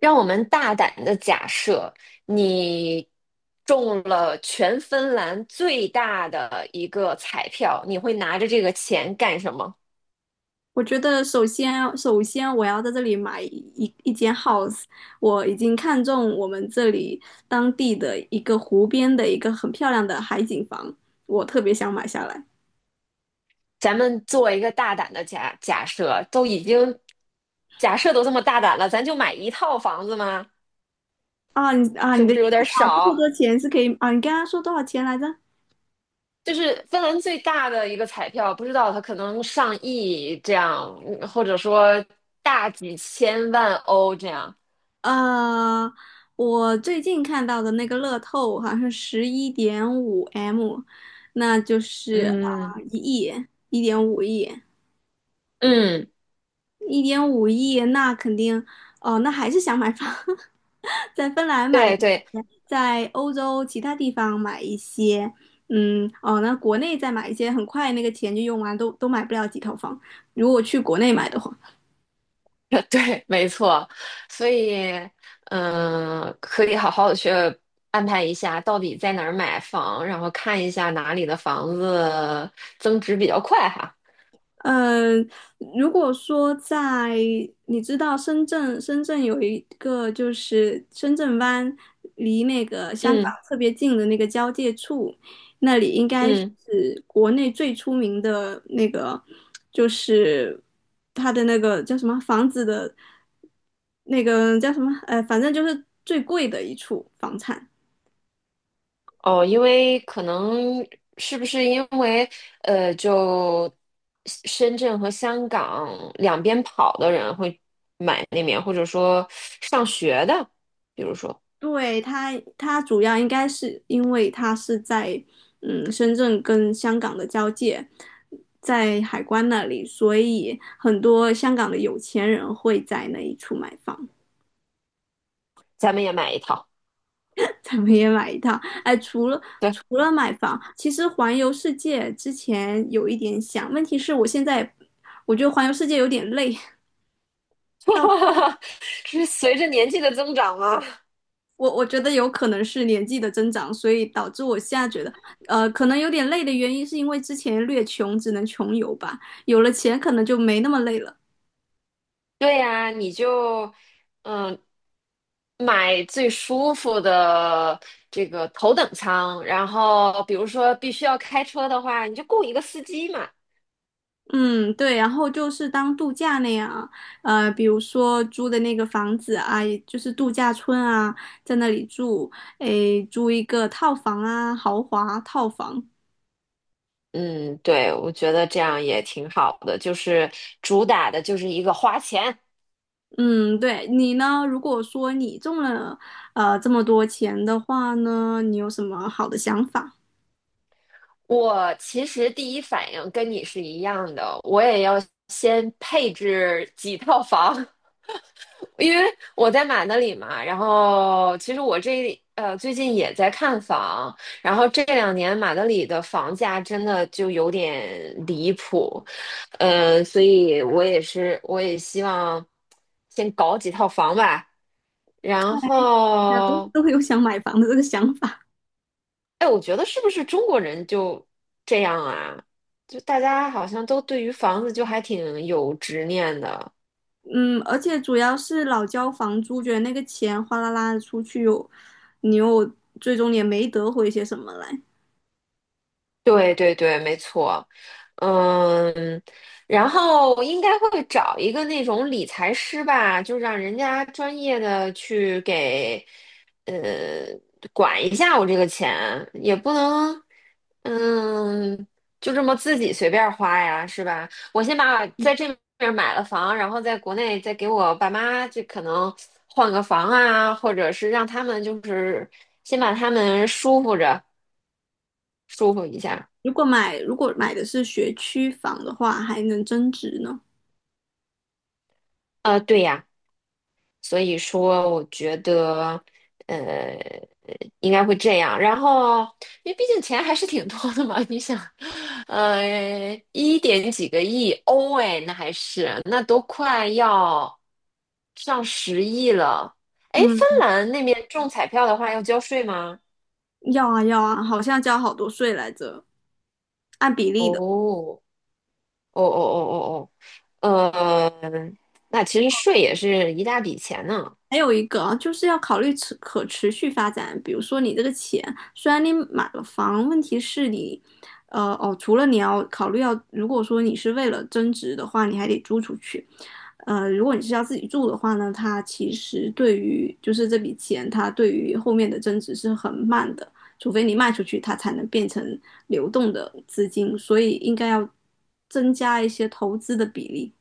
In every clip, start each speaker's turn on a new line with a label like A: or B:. A: 让我们大胆的假设，你中了全芬兰最大的一个彩票，你会拿着这个钱干什么？
B: 我觉得首先我要在这里买一间 house。我已经看中我们这里当地的一个湖边的一个很漂亮的海景房，我特别想买下来。
A: 咱们做一个大胆的假设，都已经假设都这么大胆了，咱就买一套房子吗？
B: 啊，你啊，
A: 是
B: 你
A: 不
B: 的意
A: 是有
B: 思
A: 点
B: 啊，这么
A: 少？
B: 多钱是可以啊？你刚刚说多少钱来着？
A: 就是芬兰最大的一个彩票，不知道它可能上亿这样，或者说大几千万欧这样。
B: 呃，我最近看到的那个乐透好像是11.5M，那就是啊
A: 嗯
B: 1亿，一点五亿。
A: 嗯，
B: 一点五亿，那肯定，哦，那还是想买房。在芬兰买一
A: 对对，
B: 些，在欧洲其他地方买一些，那国内再买一些，很快那个钱就用完，都买不了几套房。如果去国内买的话。
A: 对，没错，所以，可以好好的去安排一下，到底在哪儿买房，然后看一下哪里的房子增值比较快哈。
B: 嗯，如果说在你知道深圳有一个就是深圳湾，离那个香港
A: 嗯
B: 特别近的那个交界处，那里应该是
A: 嗯，
B: 国内最出名的那个，就是它的那个叫什么房子的，那个叫什么，反正就是最贵的一处房产。
A: 哦，因为可能是不是因为，就深圳和香港两边跑的人会买那边，或者说上学的，比如说
B: 对，他主要应该是因为他是在深圳跟香港的交界，在海关那里，所以很多香港的有钱人会在那一处买房。
A: 咱们也买一套，
B: 咱们也买一套。哎，除了
A: 对，
B: 除了买房，其实环游世界之前有一点想，问题是我现在我觉得环游世界有点累。
A: 是随着年纪的增长吗？
B: 我觉得有可能是年纪的增长，所以导致我现在觉得，可能有点累的原因是因为之前略穷，只能穷游吧，有了钱可能就没那么累了。
A: 对呀，你就嗯买最舒服的这个头等舱，然后比如说必须要开车的话，你就雇一个司机嘛。
B: 嗯，对，然后就是当度假那样，比如说租的那个房子啊，也就是度假村啊，在那里住，诶，租一个套房啊，豪华套房。
A: 嗯，对，我觉得这样也挺好的，就是主打的就是一个花钱。
B: 嗯，对，你呢？如果说你中了，这么多钱的话呢，你有什么好的想法？
A: 我其实第一反应跟你是一样的，我也要先配置几套房。因为我在马德里嘛，然后其实我这最近也在看房，然后这2年马德里的房价真的就有点离谱，所以我也希望先搞几套房吧，然
B: 家都
A: 后
B: 都会有想买房的这个想法。
A: 哎，我觉得是不是中国人就这样啊？就大家好像都对于房子就还挺有执念的，
B: 嗯，而且主要是老交房租，觉得那个钱哗啦啦的出去又，你又最终也没得回些什么来。
A: 对对对，没错，嗯，然后应该会找一个那种理财师吧，就让人家专业的去给，呃，管一下我这个钱，也不能，嗯，就这么自己随便花呀，是吧？我先把在这边买了房，然后在国内再给我爸妈，就可能换个房啊，或者是让他们就是先把他们舒服着，舒服一下。
B: 如果买的是学区房的话，还能增值呢。
A: 对呀。所以说，我觉得，呃，应该会这样。然后，因为毕竟钱还是挺多的嘛，你想，一点几个亿欧哎，那还是那都快要上10亿了。哎，
B: 嗯，
A: 芬兰那边中彩票的话要交税吗？
B: 要啊要啊，好像交好多税来着，按比例的。
A: 哦，哦哦哦哦哦，呃，那其实税也是一大笔钱呢。
B: 还有一个啊就是要考虑持可持续发展，比如说你这个钱，虽然你买了房，问题是你，除了你要考虑要，如果说你是为了增值的话，你还得租出去，如果你是要自己住的话呢，它其实对于就是这笔钱，它对于后面的增值是很慢的，除非你卖出去，它才能变成流动的资金，所以应该要增加一些投资的比例。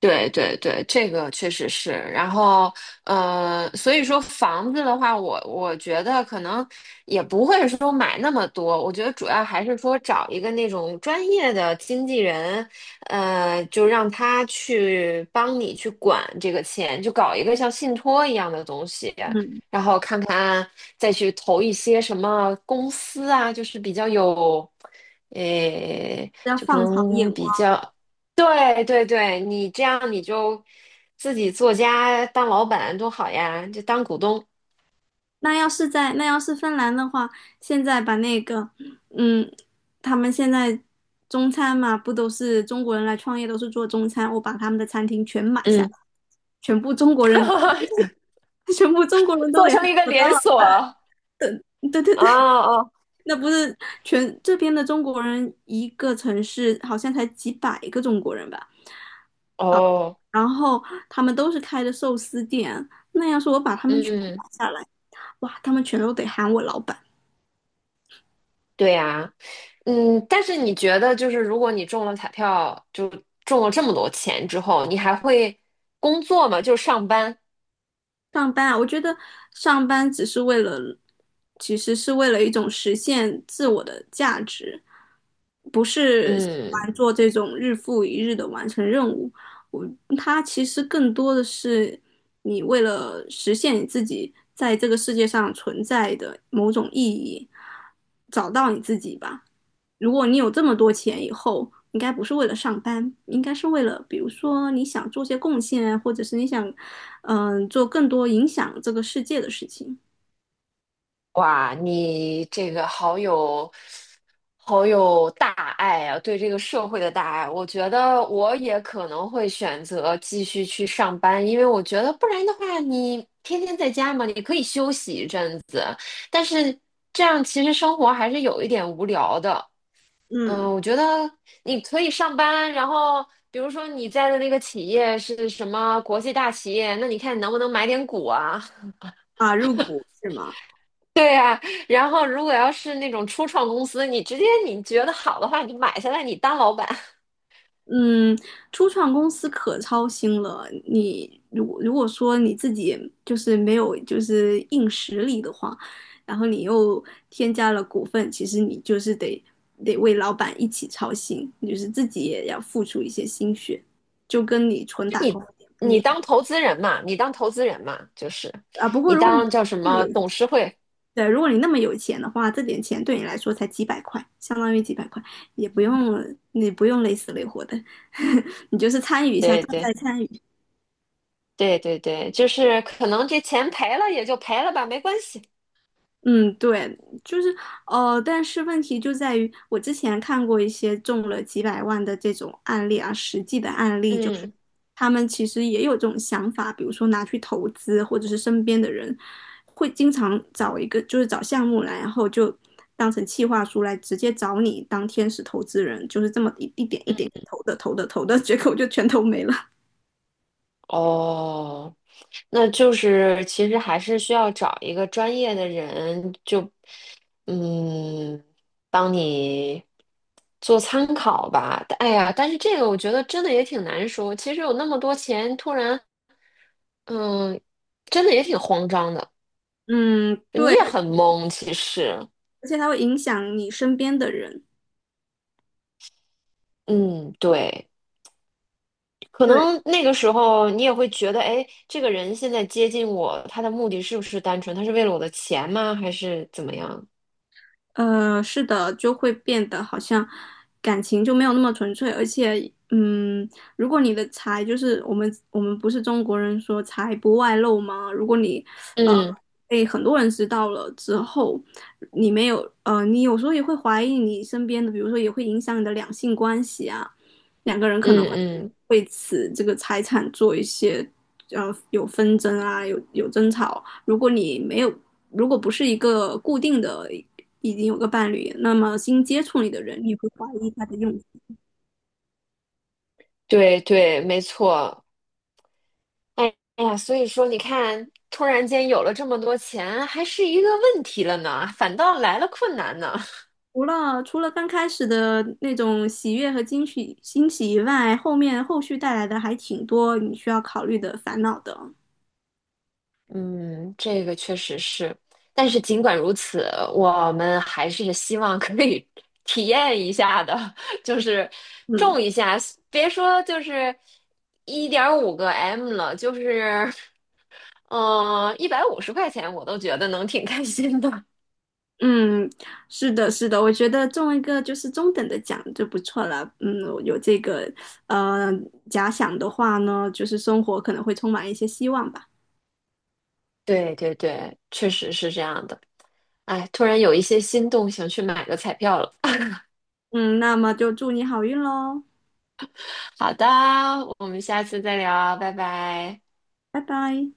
A: 对对对，这个确实是。然后，所以说房子的话，我觉得可能也不会说买那么多。我觉得主要还是说找一个那种专业的经纪人，就让他去帮你去管这个钱，就搞一个像信托一样的东西，
B: 嗯，
A: 然后看看再去投一些什么公司啊，就是比较有。诶，
B: 要
A: 就可
B: 放长眼
A: 能
B: 光。
A: 比较对对对，你这样你就自己做家当老板多好呀，就当股东，
B: 那要是芬兰的话，现在把那个，嗯，他们现在中餐嘛，不都是中国人来创业，都是做中餐，我把他们的餐厅全买下来，
A: 嗯，
B: 全部中国人。全部中国人都
A: 做
B: 联
A: 成一个
B: 我当
A: 连锁，
B: 老。
A: 哦
B: 对对对对，
A: 哦
B: 那不是全这边的中国人，一个城市好像才几百个中国人吧，
A: 哦，
B: 然后他们都是开的寿司店，那要是我把他们全
A: 嗯，
B: 买下来，哇，他们全都得喊我老板。
A: 对呀，嗯，但是你觉得就是如果你中了彩票，就中了这么多钱之后，你还会工作吗？就上班，
B: 上班啊，我觉得上班只是为了，其实是为了一种实现自我的价值，不是喜
A: 嗯。
B: 欢做这种日复一日的完成任务。我，它其实更多的是你为了实现你自己在这个世界上存在的某种意义，找到你自己吧。如果你有这么多钱以后，应该不是为了上班，应该是为了，比如说你想做些贡献啊，或者是你想，做更多影响这个世界的事情。
A: 哇，你这个好有大爱啊，对这个社会的大爱。我觉得我也可能会选择继续去上班，因为我觉得不然的话，你天天在家嘛，你可以休息一阵子，但是这样其实生活还是有一点无聊的。
B: 嗯，
A: 嗯，我觉得你可以上班，然后比如说你在的那个企业是什么国际大企业，那你看你能不能买点股啊？
B: 啊，入股是吗？
A: 对呀，然后如果要是那种初创公司，你直接你觉得好的话，你就买下来，你当老板，
B: 嗯，初创公司可操心了。你如果说你自己就是没有就是硬实力的话，然后你又添加了股份，其实你就是得为老板一起操心，就是自己也要付出一些心血，就跟你纯 打工
A: 你
B: 有点不一样
A: 你当投资人嘛，就是
B: 啊。不过
A: 你
B: 如果你
A: 当叫什
B: 那么
A: 么
B: 有
A: 董事会，
B: 对，如果你那么有钱的话，这点钱对你来说才几百块，相当于几百块，也不用你不用累死累活的。你就是参与一下，
A: 对
B: 重
A: 对
B: 在参与。
A: 对对对，就是可能这钱赔了也就赔了吧，没关系。
B: 嗯，对，就是但是问题就在于，我之前看过一些中了几百万的这种案例啊，实际的案例，就是
A: 嗯，
B: 他们其实也有这种想法，比如说拿去投资，或者是身边的人会经常找一个，就是找项目来，然后就当成企划书来直接找你当天使投资人，就是这么一点一点投的投的投的。结果就全投没了。
A: 哦，那就是其实还是需要找一个专业的人，就嗯，帮你做参考吧。哎呀，但是这个我觉得真的也挺难说。其实有那么多钱，突然嗯，真的也挺慌张的，
B: 嗯，
A: 你
B: 对，
A: 也很懵。其实，
B: 而且它会影响你身边的人。
A: 嗯，对，可
B: 对。
A: 能那个时候你也会觉得，哎，这个人现在接近我，他的目的是不是单纯？他是为了我的钱吗？还是怎么样？
B: 是的，就会变得好像感情就没有那么纯粹，而且，如果你的财就是我们不是中国人说财不外露吗？如果你呃
A: 嗯
B: 被很多人知道了之后，你没有你有时候也会怀疑你身边的，比如说也会影响你的两性关系啊，两个人可能
A: 嗯
B: 会
A: 嗯。
B: 为此这个财产做一些有纷争啊，有争吵。如果你没有，如果不是一个固定的，已经有个伴侣，那么新接触你的人，你会怀疑他的用心。
A: 对对，没错。哎哎呀，所以说你看，突然间有了这么多钱，还是一个问题了呢，反倒来了困难呢。
B: 除了刚开始的那种喜悦和惊喜欣喜以外，后面后续带来的还挺多你需要考虑的烦恼的。
A: 嗯，这个确实是。但是尽管如此，我们还是希望可以 体验一下的，就是
B: 嗯
A: 种一下，别说就是1.5个M 了，就是150块钱，我都觉得能挺开心的。
B: 嗯，是的，是的，我觉得中一个就是中等的奖就不错了。嗯，有这个呃假想的话呢，就是生活可能会充满一些希望吧。
A: 对对对，确实是这样的。哎，突然有一些心动，想去买个彩票了。
B: 嗯，那么就祝你好运喽，
A: 好的，我们下次再聊啊拜拜。
B: 拜拜。